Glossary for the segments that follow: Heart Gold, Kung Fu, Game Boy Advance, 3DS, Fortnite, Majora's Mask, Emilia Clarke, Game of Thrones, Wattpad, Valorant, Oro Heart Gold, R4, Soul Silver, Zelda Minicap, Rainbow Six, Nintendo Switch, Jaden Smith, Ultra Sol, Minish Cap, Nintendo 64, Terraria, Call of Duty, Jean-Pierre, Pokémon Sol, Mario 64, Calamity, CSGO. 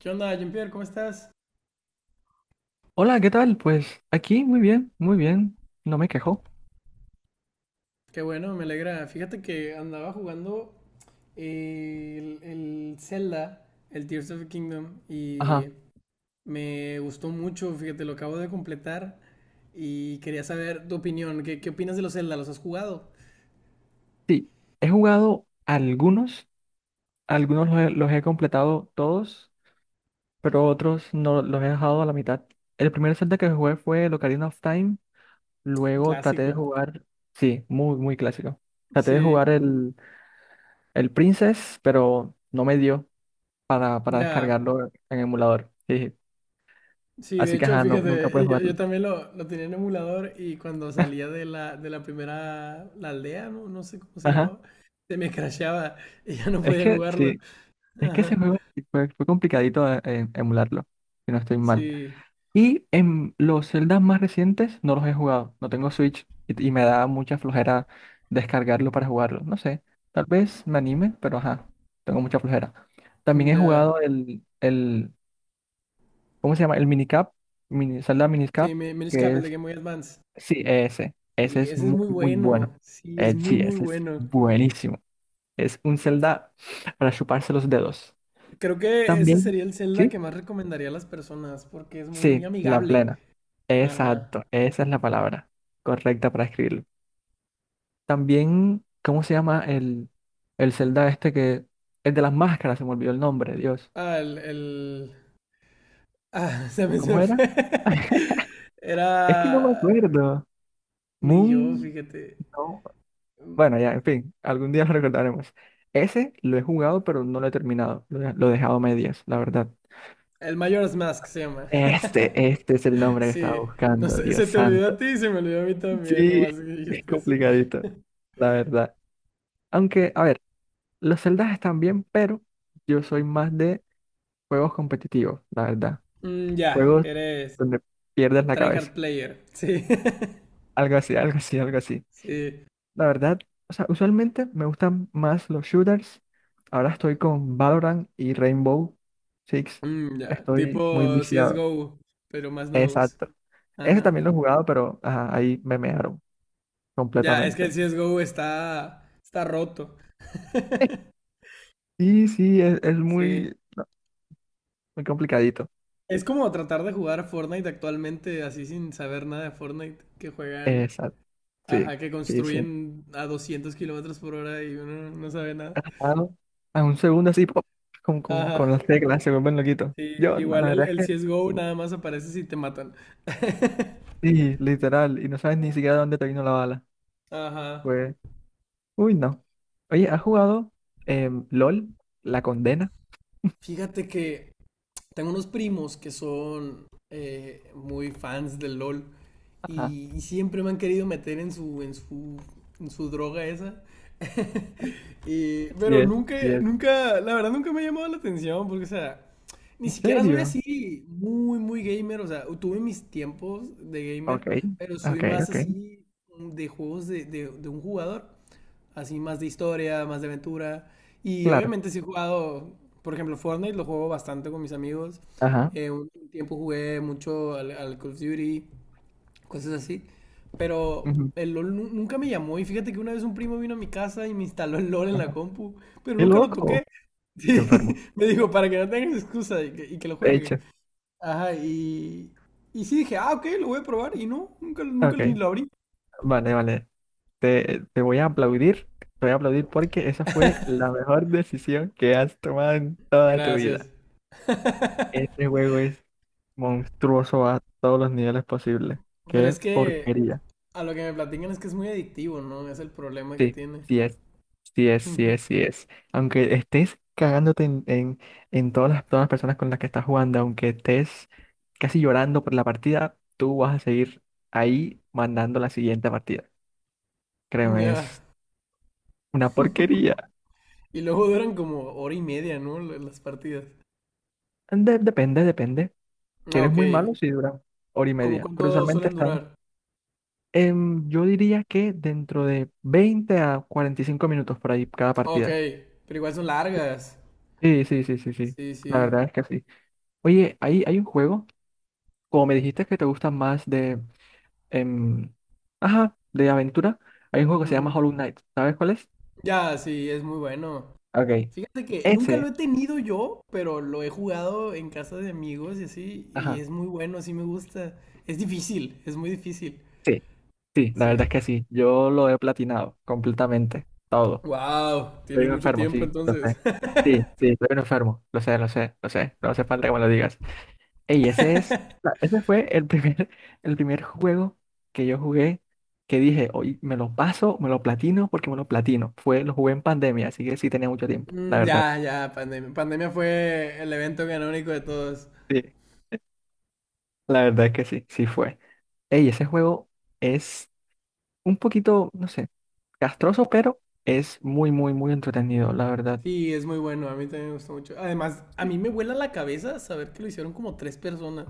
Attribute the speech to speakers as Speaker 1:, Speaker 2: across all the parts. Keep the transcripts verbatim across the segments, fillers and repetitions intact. Speaker 1: ¿Qué onda, Jean-Pierre? ¿Cómo estás?
Speaker 2: Hola, ¿qué tal? Pues aquí muy bien, muy bien, no me quejo.
Speaker 1: Qué bueno, me alegra. Fíjate que andaba jugando eh, el, el Zelda, el Tears of the Kingdom, y
Speaker 2: Ajá,
Speaker 1: me gustó mucho. Fíjate, lo acabo de completar y quería saber tu opinión. ¿Qué, qué opinas de los Zelda? ¿Los has jugado?
Speaker 2: sí, he jugado algunos, algunos los he, los he completado todos, pero otros no los he dejado a la mitad. El primer Zelda que jugué fue el Ocarina of Time,
Speaker 1: Un
Speaker 2: luego traté de
Speaker 1: clásico.
Speaker 2: jugar, sí, muy, muy clásico. Traté de
Speaker 1: Sí,
Speaker 2: jugar el, el Princess, pero no me dio para, para
Speaker 1: ya.
Speaker 2: descargarlo en emulador. Sí.
Speaker 1: Sí, de
Speaker 2: Así que
Speaker 1: hecho,
Speaker 2: ajá, no- nunca puedes
Speaker 1: fíjate, yo, yo
Speaker 2: jugarlo.
Speaker 1: también lo, lo tenía en emulador y cuando salía de la, de la primera, la aldea, no, no sé cómo se
Speaker 2: Ajá,
Speaker 1: llamaba, se me crasheaba y ya no
Speaker 2: es
Speaker 1: podía
Speaker 2: que
Speaker 1: jugarlo.
Speaker 2: sí. Es que ese
Speaker 1: Ajá.
Speaker 2: juego sí fue, fue complicadito de- eh, emularlo, si no estoy mal.
Speaker 1: Sí,
Speaker 2: Y en los Zeldas más recientes no los he jugado, no tengo Switch y, y me da mucha flojera descargarlo para jugarlo. No sé, tal vez me anime, pero ajá, tengo mucha flojera. También
Speaker 1: mm,
Speaker 2: he
Speaker 1: ya.
Speaker 2: jugado el, el ¿cómo se llama? El Minicap, mini, Zelda
Speaker 1: Sí,
Speaker 2: Minicap,
Speaker 1: Mi- Minish Cap,
Speaker 2: que
Speaker 1: el de
Speaker 2: es,
Speaker 1: Game Boy Advance.
Speaker 2: sí, ese, ese
Speaker 1: Sí,
Speaker 2: es
Speaker 1: ese es
Speaker 2: muy,
Speaker 1: muy
Speaker 2: muy bueno.
Speaker 1: bueno. Sí, es
Speaker 2: Eh,
Speaker 1: muy,
Speaker 2: sí,
Speaker 1: muy
Speaker 2: ese es
Speaker 1: bueno.
Speaker 2: buenísimo. Es un Zelda para chuparse los dedos.
Speaker 1: Creo que ese
Speaker 2: También,
Speaker 1: sería el Zelda
Speaker 2: ¿sí?
Speaker 1: que más recomendaría a las personas porque es muy
Speaker 2: Sí, la
Speaker 1: amigable.
Speaker 2: plena.
Speaker 1: Ajá.
Speaker 2: Exacto, esa es la palabra correcta para escribirlo. También, ¿cómo se llama el, el Zelda este que es de las máscaras? Se me olvidó el nombre, Dios.
Speaker 1: Ah, el, el... Ah, se me, se
Speaker 2: ¿Cómo
Speaker 1: me
Speaker 2: era?
Speaker 1: fue.
Speaker 2: Es que no me
Speaker 1: Era.
Speaker 2: acuerdo.
Speaker 1: Ni yo,
Speaker 2: Moon,
Speaker 1: fíjate.
Speaker 2: no. Bueno, ya, en fin, algún día lo recordaremos. Ese lo he jugado, pero no lo he terminado. Lo he, lo he dejado a medias, la verdad.
Speaker 1: El Majora's Mask se llama.
Speaker 2: Este, este es el nombre que estaba
Speaker 1: Sí. No
Speaker 2: buscando,
Speaker 1: sé,
Speaker 2: Dios
Speaker 1: se te olvidó a
Speaker 2: santo.
Speaker 1: ti y se me olvidó a mí también,
Speaker 2: Sí,
Speaker 1: nomás que
Speaker 2: es
Speaker 1: dijiste eso.
Speaker 2: complicadito, la verdad. Aunque, a ver. Los celdas están bien, pero yo soy más de juegos competitivos, la verdad.
Speaker 1: Mm, ya,
Speaker 2: Juegos
Speaker 1: eres
Speaker 2: donde pierdes la
Speaker 1: tryhard
Speaker 2: cabeza.
Speaker 1: player. Sí.
Speaker 2: Algo así, algo así, algo así.
Speaker 1: Sí.
Speaker 2: La verdad, o sea, usualmente me gustan más los shooters. Ahora estoy con Valorant y Rainbow Six.
Speaker 1: Mm, ya,
Speaker 2: Estoy muy
Speaker 1: tipo
Speaker 2: viciado.
Speaker 1: C S G O, pero más nuevos.
Speaker 2: Exacto. Ese
Speaker 1: Ajá.
Speaker 2: también lo he jugado, pero ajá, ahí me mearon
Speaker 1: Ya, es que el
Speaker 2: completamente.
Speaker 1: C S G O está, está roto.
Speaker 2: Sí, sí, es, es
Speaker 1: Sí.
Speaker 2: muy, muy complicadito.
Speaker 1: Es como tratar de jugar a Fortnite actualmente así sin saber nada de Fortnite, que juegan,
Speaker 2: Exacto. Sí,
Speaker 1: ajá, que
Speaker 2: sí, sí.
Speaker 1: construyen a doscientos kilómetros por hora y uno no sabe nada.
Speaker 2: Ah, no. A un segundo así, pop, con, con, con
Speaker 1: Ajá.
Speaker 2: las teclas, se vuelven loquitos.
Speaker 1: Sí,
Speaker 2: Yo, la
Speaker 1: igual
Speaker 2: la
Speaker 1: el,
Speaker 2: verdad es
Speaker 1: el
Speaker 2: que
Speaker 1: C S G O nada más aparece si te matan.
Speaker 2: sí, literal, y no sabes ni siquiera dónde te vino la bala.
Speaker 1: Ajá.
Speaker 2: Pues, uy, no. Oye, ¿has jugado em, L O L? La condena.
Speaker 1: Fíjate que tengo unos primos que son eh, muy fans del LOL
Speaker 2: Ajá,
Speaker 1: y, y siempre me han querido meter en su, en su, en su droga esa. Y,
Speaker 2: sí
Speaker 1: pero
Speaker 2: es,
Speaker 1: nunca,
Speaker 2: sí es.
Speaker 1: nunca, la verdad nunca me ha llamado la atención, porque, o sea, ni
Speaker 2: ¿En
Speaker 1: siquiera soy
Speaker 2: serio?
Speaker 1: así muy, muy gamer, o sea, tuve mis tiempos de gamer,
Speaker 2: Ok,
Speaker 1: pero soy
Speaker 2: ok,
Speaker 1: más
Speaker 2: ok,
Speaker 1: así de juegos de, de, de un jugador, así más de historia, más de aventura, y
Speaker 2: claro.
Speaker 1: obviamente sí he jugado, por ejemplo, Fortnite lo juego bastante con mis amigos,
Speaker 2: Ajá,
Speaker 1: eh, un tiempo jugué mucho al, al Call of Duty, cosas así. Pero
Speaker 2: ujú,
Speaker 1: el LOL nu- nunca me llamó y fíjate que una vez un primo vino a mi casa y me instaló el LOL en la
Speaker 2: ajá.
Speaker 1: compu, pero
Speaker 2: Qué
Speaker 1: nunca lo
Speaker 2: loco,
Speaker 1: toqué.
Speaker 2: qué
Speaker 1: Sí,
Speaker 2: enfermo.
Speaker 1: me dijo, para que no tengas excusa y que, y que lo
Speaker 2: De
Speaker 1: juegues.
Speaker 2: hecho,
Speaker 1: Ajá, y, y sí dije, ah, ok, lo voy a probar y no, nunca, nunca ni
Speaker 2: ok,
Speaker 1: lo abrí.
Speaker 2: vale, vale. Te, te voy a aplaudir, te voy a aplaudir porque esa fue la mejor decisión que has tomado en toda tu vida.
Speaker 1: Gracias.
Speaker 2: Este juego es monstruoso a todos los niveles posibles.
Speaker 1: Pero
Speaker 2: Qué
Speaker 1: es que
Speaker 2: porquería.
Speaker 1: a lo que me platican es que es muy adictivo, ¿no? Es el problema que
Speaker 2: Sí,
Speaker 1: tiene.
Speaker 2: sí es. Sí es, sí
Speaker 1: Ujú.
Speaker 2: es, sí es. Aunque estés cagándote en, en, en todas las, todas las personas con las que estás jugando, aunque estés casi llorando por la partida, tú vas a seguir ahí mandando la siguiente partida. Créeme,
Speaker 1: Ya.
Speaker 2: es una porquería.
Speaker 1: Y luego duran como hora y media, ¿no? Las partidas.
Speaker 2: De- depende, depende. Si
Speaker 1: Ah,
Speaker 2: eres
Speaker 1: ok.
Speaker 2: muy malo, sí dura hora y
Speaker 1: ¿Cómo
Speaker 2: media. Pero
Speaker 1: cuánto
Speaker 2: usualmente
Speaker 1: suelen
Speaker 2: está.
Speaker 1: durar?
Speaker 2: Em, yo diría que dentro de veinte a cuarenta y cinco minutos por ahí cada
Speaker 1: Ok,
Speaker 2: partida.
Speaker 1: pero igual son largas.
Speaker 2: Sí, sí, sí, sí, sí.
Speaker 1: Sí,
Speaker 2: La
Speaker 1: sí.
Speaker 2: verdad es que sí. Oye, ahí hay un juego, como me dijiste que te gustan más de, em, ajá, de aventura, hay un juego que se llama
Speaker 1: Ujú.
Speaker 2: Hollow Knight. ¿Sabes cuál es?
Speaker 1: Ya, sí, es muy bueno.
Speaker 2: Ok.
Speaker 1: Fíjate que nunca lo
Speaker 2: Ese,
Speaker 1: he tenido yo, pero lo he jugado en casa de amigos y así, y
Speaker 2: ajá.
Speaker 1: es muy bueno, sí me gusta. Es difícil, es muy difícil.
Speaker 2: Sí, sí, la
Speaker 1: Sí.
Speaker 2: verdad es que sí. Yo lo he platinado completamente, todo.
Speaker 1: Wow,
Speaker 2: Soy
Speaker 1: tienes
Speaker 2: un
Speaker 1: mucho
Speaker 2: enfermo,
Speaker 1: tiempo
Speaker 2: sí, lo
Speaker 1: entonces.
Speaker 2: sé. Sí, sí, soy un enfermo, lo sé, lo sé, lo sé. No hace falta que me lo digas. Ey, ese es, la- ese fue el primer, el primer juego que yo jugué que dije, hoy me lo paso, me lo platino porque me lo platino. Fue, lo jugué en pandemia, así que sí tenía mucho tiempo, la
Speaker 1: Mm,
Speaker 2: verdad.
Speaker 1: ya, ya, pandemia. Pandemia fue el evento canónico de todos.
Speaker 2: Sí, la verdad es que sí, sí fue. Ey, ese juego es un poquito, no sé, castroso, pero es muy, muy, muy entretenido, la verdad.
Speaker 1: Sí, es muy bueno, a mí también me gustó mucho. Además, a
Speaker 2: Sí,
Speaker 1: mí me vuela la cabeza saber que lo hicieron como tres personas.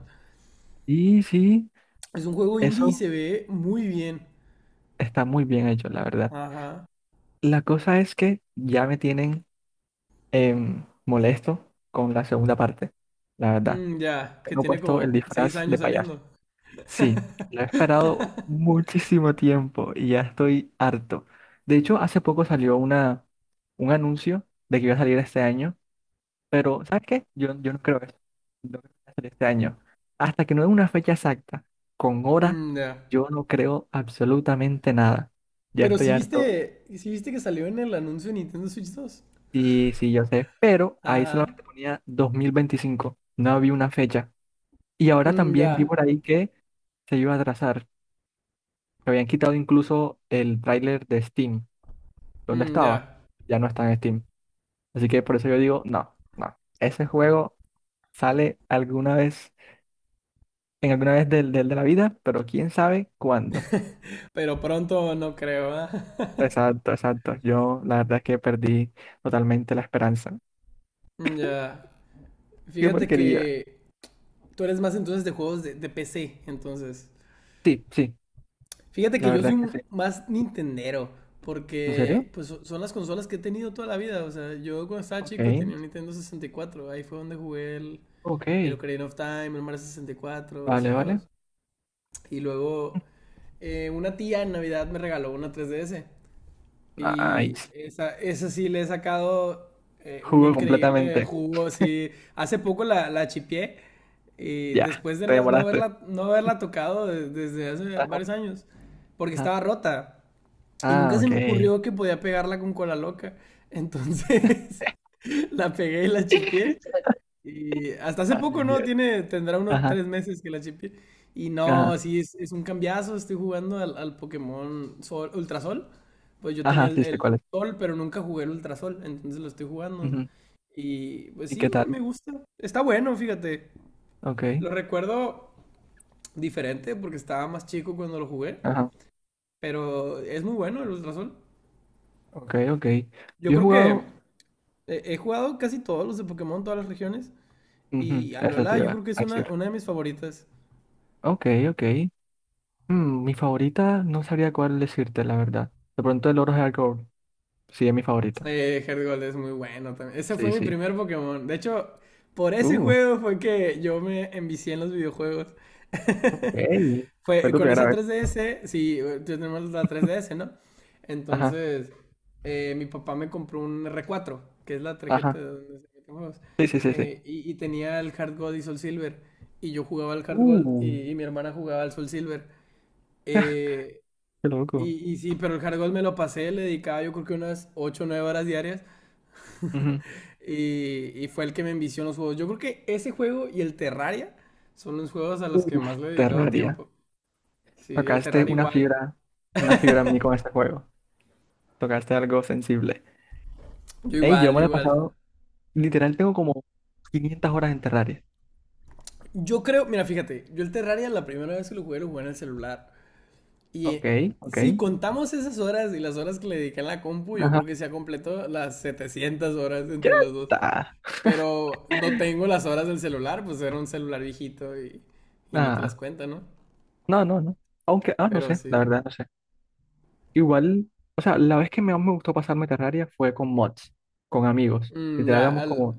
Speaker 2: sí, sí,
Speaker 1: Es un juego indie y
Speaker 2: eso
Speaker 1: se ve muy bien.
Speaker 2: está muy bien hecho, la verdad.
Speaker 1: Ajá.
Speaker 2: La cosa es que ya me tienen em, molesto con la segunda parte, la verdad.
Speaker 1: Mm, ya, que
Speaker 2: Tengo
Speaker 1: tiene
Speaker 2: puesto el
Speaker 1: como seis
Speaker 2: disfraz de
Speaker 1: años
Speaker 2: payaso.
Speaker 1: saliendo.
Speaker 2: Sí, lo he esperado muchísimo tiempo y ya estoy harto. De hecho, hace poco salió una, un anuncio de que iba a salir este año, pero ¿sabes qué? Yo, yo no creo que no creo que vaya a salir este año. Hasta que no dé una fecha exacta, con hora,
Speaker 1: Mm, ya.
Speaker 2: yo no creo absolutamente nada. Ya
Speaker 1: Pero
Speaker 2: estoy
Speaker 1: si
Speaker 2: harto.
Speaker 1: viste, si viste que salió en el anuncio de Nintendo Switch dos.
Speaker 2: Sí, sí, yo sé, pero ahí
Speaker 1: Ajá.
Speaker 2: solamente ponía dos mil veinticinco, no había una fecha. Y ahora
Speaker 1: Mm,
Speaker 2: también vi
Speaker 1: ya.
Speaker 2: por ahí que se iba a atrasar. Habían quitado incluso el tráiler de Steam. ¿Dónde
Speaker 1: Mm,
Speaker 2: estaba?
Speaker 1: ya.
Speaker 2: Ya no está en Steam. Así que por eso yo digo, no, no. Ese juego sale alguna vez, en alguna vez del, del de la vida, pero quién sabe cuándo.
Speaker 1: Pero pronto no creo, ¿ah?
Speaker 2: Exacto, exacto. Yo la verdad es que perdí totalmente la esperanza.
Speaker 1: Mm, ya.
Speaker 2: Qué
Speaker 1: Fíjate
Speaker 2: porquería.
Speaker 1: que tú eres más entonces de juegos de, de P C, entonces.
Speaker 2: Sí, sí,
Speaker 1: Fíjate que
Speaker 2: la
Speaker 1: yo soy
Speaker 2: verdad es que
Speaker 1: un
Speaker 2: sí.
Speaker 1: más nintendero,
Speaker 2: ¿En serio?
Speaker 1: porque pues so- son las consolas que he tenido toda la vida. O sea, yo cuando estaba
Speaker 2: Ok,
Speaker 1: chico tenía un Nintendo sesenta y cuatro, ahí fue donde jugué el,
Speaker 2: ok.
Speaker 1: el Ocarina of Time, el Mario sesenta y cuatro, esos
Speaker 2: Vale, vale.
Speaker 1: juegos. Y luego eh, una tía en Navidad me regaló una tres D S. Y
Speaker 2: Nice.
Speaker 1: esa, esa sí le he sacado eh, un
Speaker 2: Jugó
Speaker 1: increíble
Speaker 2: completamente.
Speaker 1: jugo. Sí. Hace poco la, la chipié. Y
Speaker 2: Ya,
Speaker 1: después de
Speaker 2: te
Speaker 1: no, no
Speaker 2: demoraste.
Speaker 1: haberla, no haberla tocado de- desde hace
Speaker 2: Ajá,
Speaker 1: varios años. Porque
Speaker 2: ajá.
Speaker 1: estaba rota. Y
Speaker 2: Ah,
Speaker 1: nunca se me
Speaker 2: ok.
Speaker 1: ocurrió que podía pegarla con cola loca. Entonces la pegué y la chipié. Y hasta hace
Speaker 2: Ay,
Speaker 1: poco, ¿no?
Speaker 2: Dios.
Speaker 1: Tiene, tendrá unos
Speaker 2: Ajá.
Speaker 1: tres meses que la chipié. Y no,
Speaker 2: Ajá,
Speaker 1: sí, es, es un cambiazo. Estoy jugando al, al Pokémon Sol, Ultrasol. Pues yo tenía
Speaker 2: ajá,
Speaker 1: el,
Speaker 2: sí sé
Speaker 1: el
Speaker 2: cuál es.
Speaker 1: Sol, pero nunca jugué el Ultra Sol. Entonces lo estoy jugando.
Speaker 2: Ujú.
Speaker 1: Y pues
Speaker 2: ¿Y
Speaker 1: sí,
Speaker 2: qué
Speaker 1: me,
Speaker 2: tal?
Speaker 1: me gusta. Está bueno, fíjate.
Speaker 2: Ok,
Speaker 1: Lo recuerdo diferente porque estaba más chico cuando lo jugué.
Speaker 2: ajá,
Speaker 1: Pero es muy bueno el Ultra Sol.
Speaker 2: ok, ok.
Speaker 1: Yo
Speaker 2: Yo he
Speaker 1: creo
Speaker 2: jugado,
Speaker 1: que he, he jugado casi todos los de Pokémon, todas las regiones.
Speaker 2: ujú,
Speaker 1: Y
Speaker 2: eso te
Speaker 1: Alola, yo creo
Speaker 2: iba
Speaker 1: que
Speaker 2: a
Speaker 1: es una,
Speaker 2: decir.
Speaker 1: una de mis favoritas.
Speaker 2: Ok, ok. Mm, mi favorita, no sabría cuál decirte, la verdad. De pronto el Oro Heart Gold, sí es mi favorita.
Speaker 1: Eh, Heart Gold es muy bueno también. Ese fue
Speaker 2: Sí,
Speaker 1: mi
Speaker 2: sí.
Speaker 1: primer Pokémon. De hecho, por ese
Speaker 2: Uh,
Speaker 1: juego fue que yo me envicié en los videojuegos.
Speaker 2: ok. Fue
Speaker 1: Fue
Speaker 2: tu
Speaker 1: con
Speaker 2: primera
Speaker 1: esa
Speaker 2: vez.
Speaker 1: tres D S, sí, tenemos la tres D S, ¿no?
Speaker 2: Ajá,
Speaker 1: Entonces, eh, mi papá me compró un R cuatro, que es la tarjeta
Speaker 2: ajá.
Speaker 1: de donde se meten juegos.
Speaker 2: Sí, sí, sí, sí.
Speaker 1: eh, y, y tenía el Hard Gold y Soul Silver. Y yo jugaba al Hard Gold y,
Speaker 2: Uh,
Speaker 1: y mi hermana jugaba al Soul Silver. Eh,
Speaker 2: qué loco.
Speaker 1: y, y sí, pero el Hard Gold me lo pasé, le dedicaba yo creo que unas ocho o nueve horas diarias.
Speaker 2: Ujú.
Speaker 1: Y, y fue el que me envició en los juegos. Yo creo que ese juego y el Terraria son los juegos a los que
Speaker 2: Uf,
Speaker 1: más le he dedicado
Speaker 2: Terraria.
Speaker 1: tiempo. Sí, el
Speaker 2: Tocaste
Speaker 1: Terraria
Speaker 2: una
Speaker 1: igual.
Speaker 2: fibra, una fibra en mí con este juego. Tocaste algo sensible.
Speaker 1: Yo
Speaker 2: Ey, yo
Speaker 1: igual,
Speaker 2: me
Speaker 1: yo
Speaker 2: lo he
Speaker 1: igual.
Speaker 2: pasado. Literal, tengo como quinientas horas en Terraria.
Speaker 1: Yo creo, mira, fíjate, yo el Terraria la primera vez que lo jugué lo jugué en el celular. Y
Speaker 2: Ok,
Speaker 1: eh,
Speaker 2: ok.
Speaker 1: si contamos esas horas y las horas que le dediqué en la compu, yo
Speaker 2: Ajá.
Speaker 1: creo que se ha completado las setecientas horas
Speaker 2: Ya
Speaker 1: entre los dos.
Speaker 2: está.
Speaker 1: Pero no tengo las horas del celular, pues era un celular viejito y, y no te las
Speaker 2: Ah,
Speaker 1: cuenta, ¿no?
Speaker 2: no, no, no. Aunque, ah, no
Speaker 1: Pero
Speaker 2: sé, la
Speaker 1: sí.
Speaker 2: verdad, no sé. Igual, o sea, la vez que más me gustó pasarme Terraria fue con mods, con amigos.
Speaker 1: Mm,
Speaker 2: Literal,
Speaker 1: ya,
Speaker 2: éramos
Speaker 1: al,
Speaker 2: como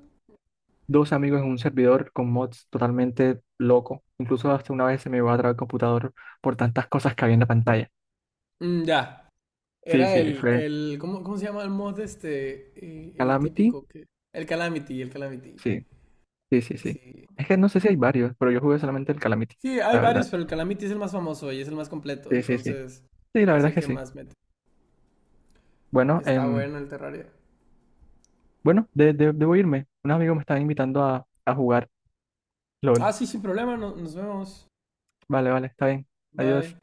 Speaker 2: dos amigos en un servidor con mods totalmente loco. Incluso hasta una vez se me iba a trabar el computador por tantas cosas que había en la pantalla.
Speaker 1: mm, ya.
Speaker 2: Sí,
Speaker 1: Era
Speaker 2: sí,
Speaker 1: el,
Speaker 2: fue
Speaker 1: el ¿cómo, cómo se llama el mod este? Eh, el
Speaker 2: Calamity.
Speaker 1: típico que. El Calamity, el Calamity.
Speaker 2: Sí, sí, sí, sí.
Speaker 1: Sí.
Speaker 2: Es que no sé si hay varios, pero yo jugué solamente el Calamity,
Speaker 1: Sí, hay
Speaker 2: la
Speaker 1: varios,
Speaker 2: verdad.
Speaker 1: pero el Calamity es el más famoso y es el más completo,
Speaker 2: Sí, sí, sí.
Speaker 1: entonces
Speaker 2: Sí, la
Speaker 1: es
Speaker 2: verdad es
Speaker 1: el
Speaker 2: que
Speaker 1: que
Speaker 2: sí.
Speaker 1: más mete.
Speaker 2: Bueno,
Speaker 1: Está
Speaker 2: em,
Speaker 1: bueno el Terraria.
Speaker 2: bueno, de- de- debo irme. Unos amigos me están invitando a, a jugar
Speaker 1: Ah,
Speaker 2: L O L.
Speaker 1: sí, sin problema, no- nos vemos.
Speaker 2: Vale, vale, está bien.
Speaker 1: Bye.
Speaker 2: Adiós.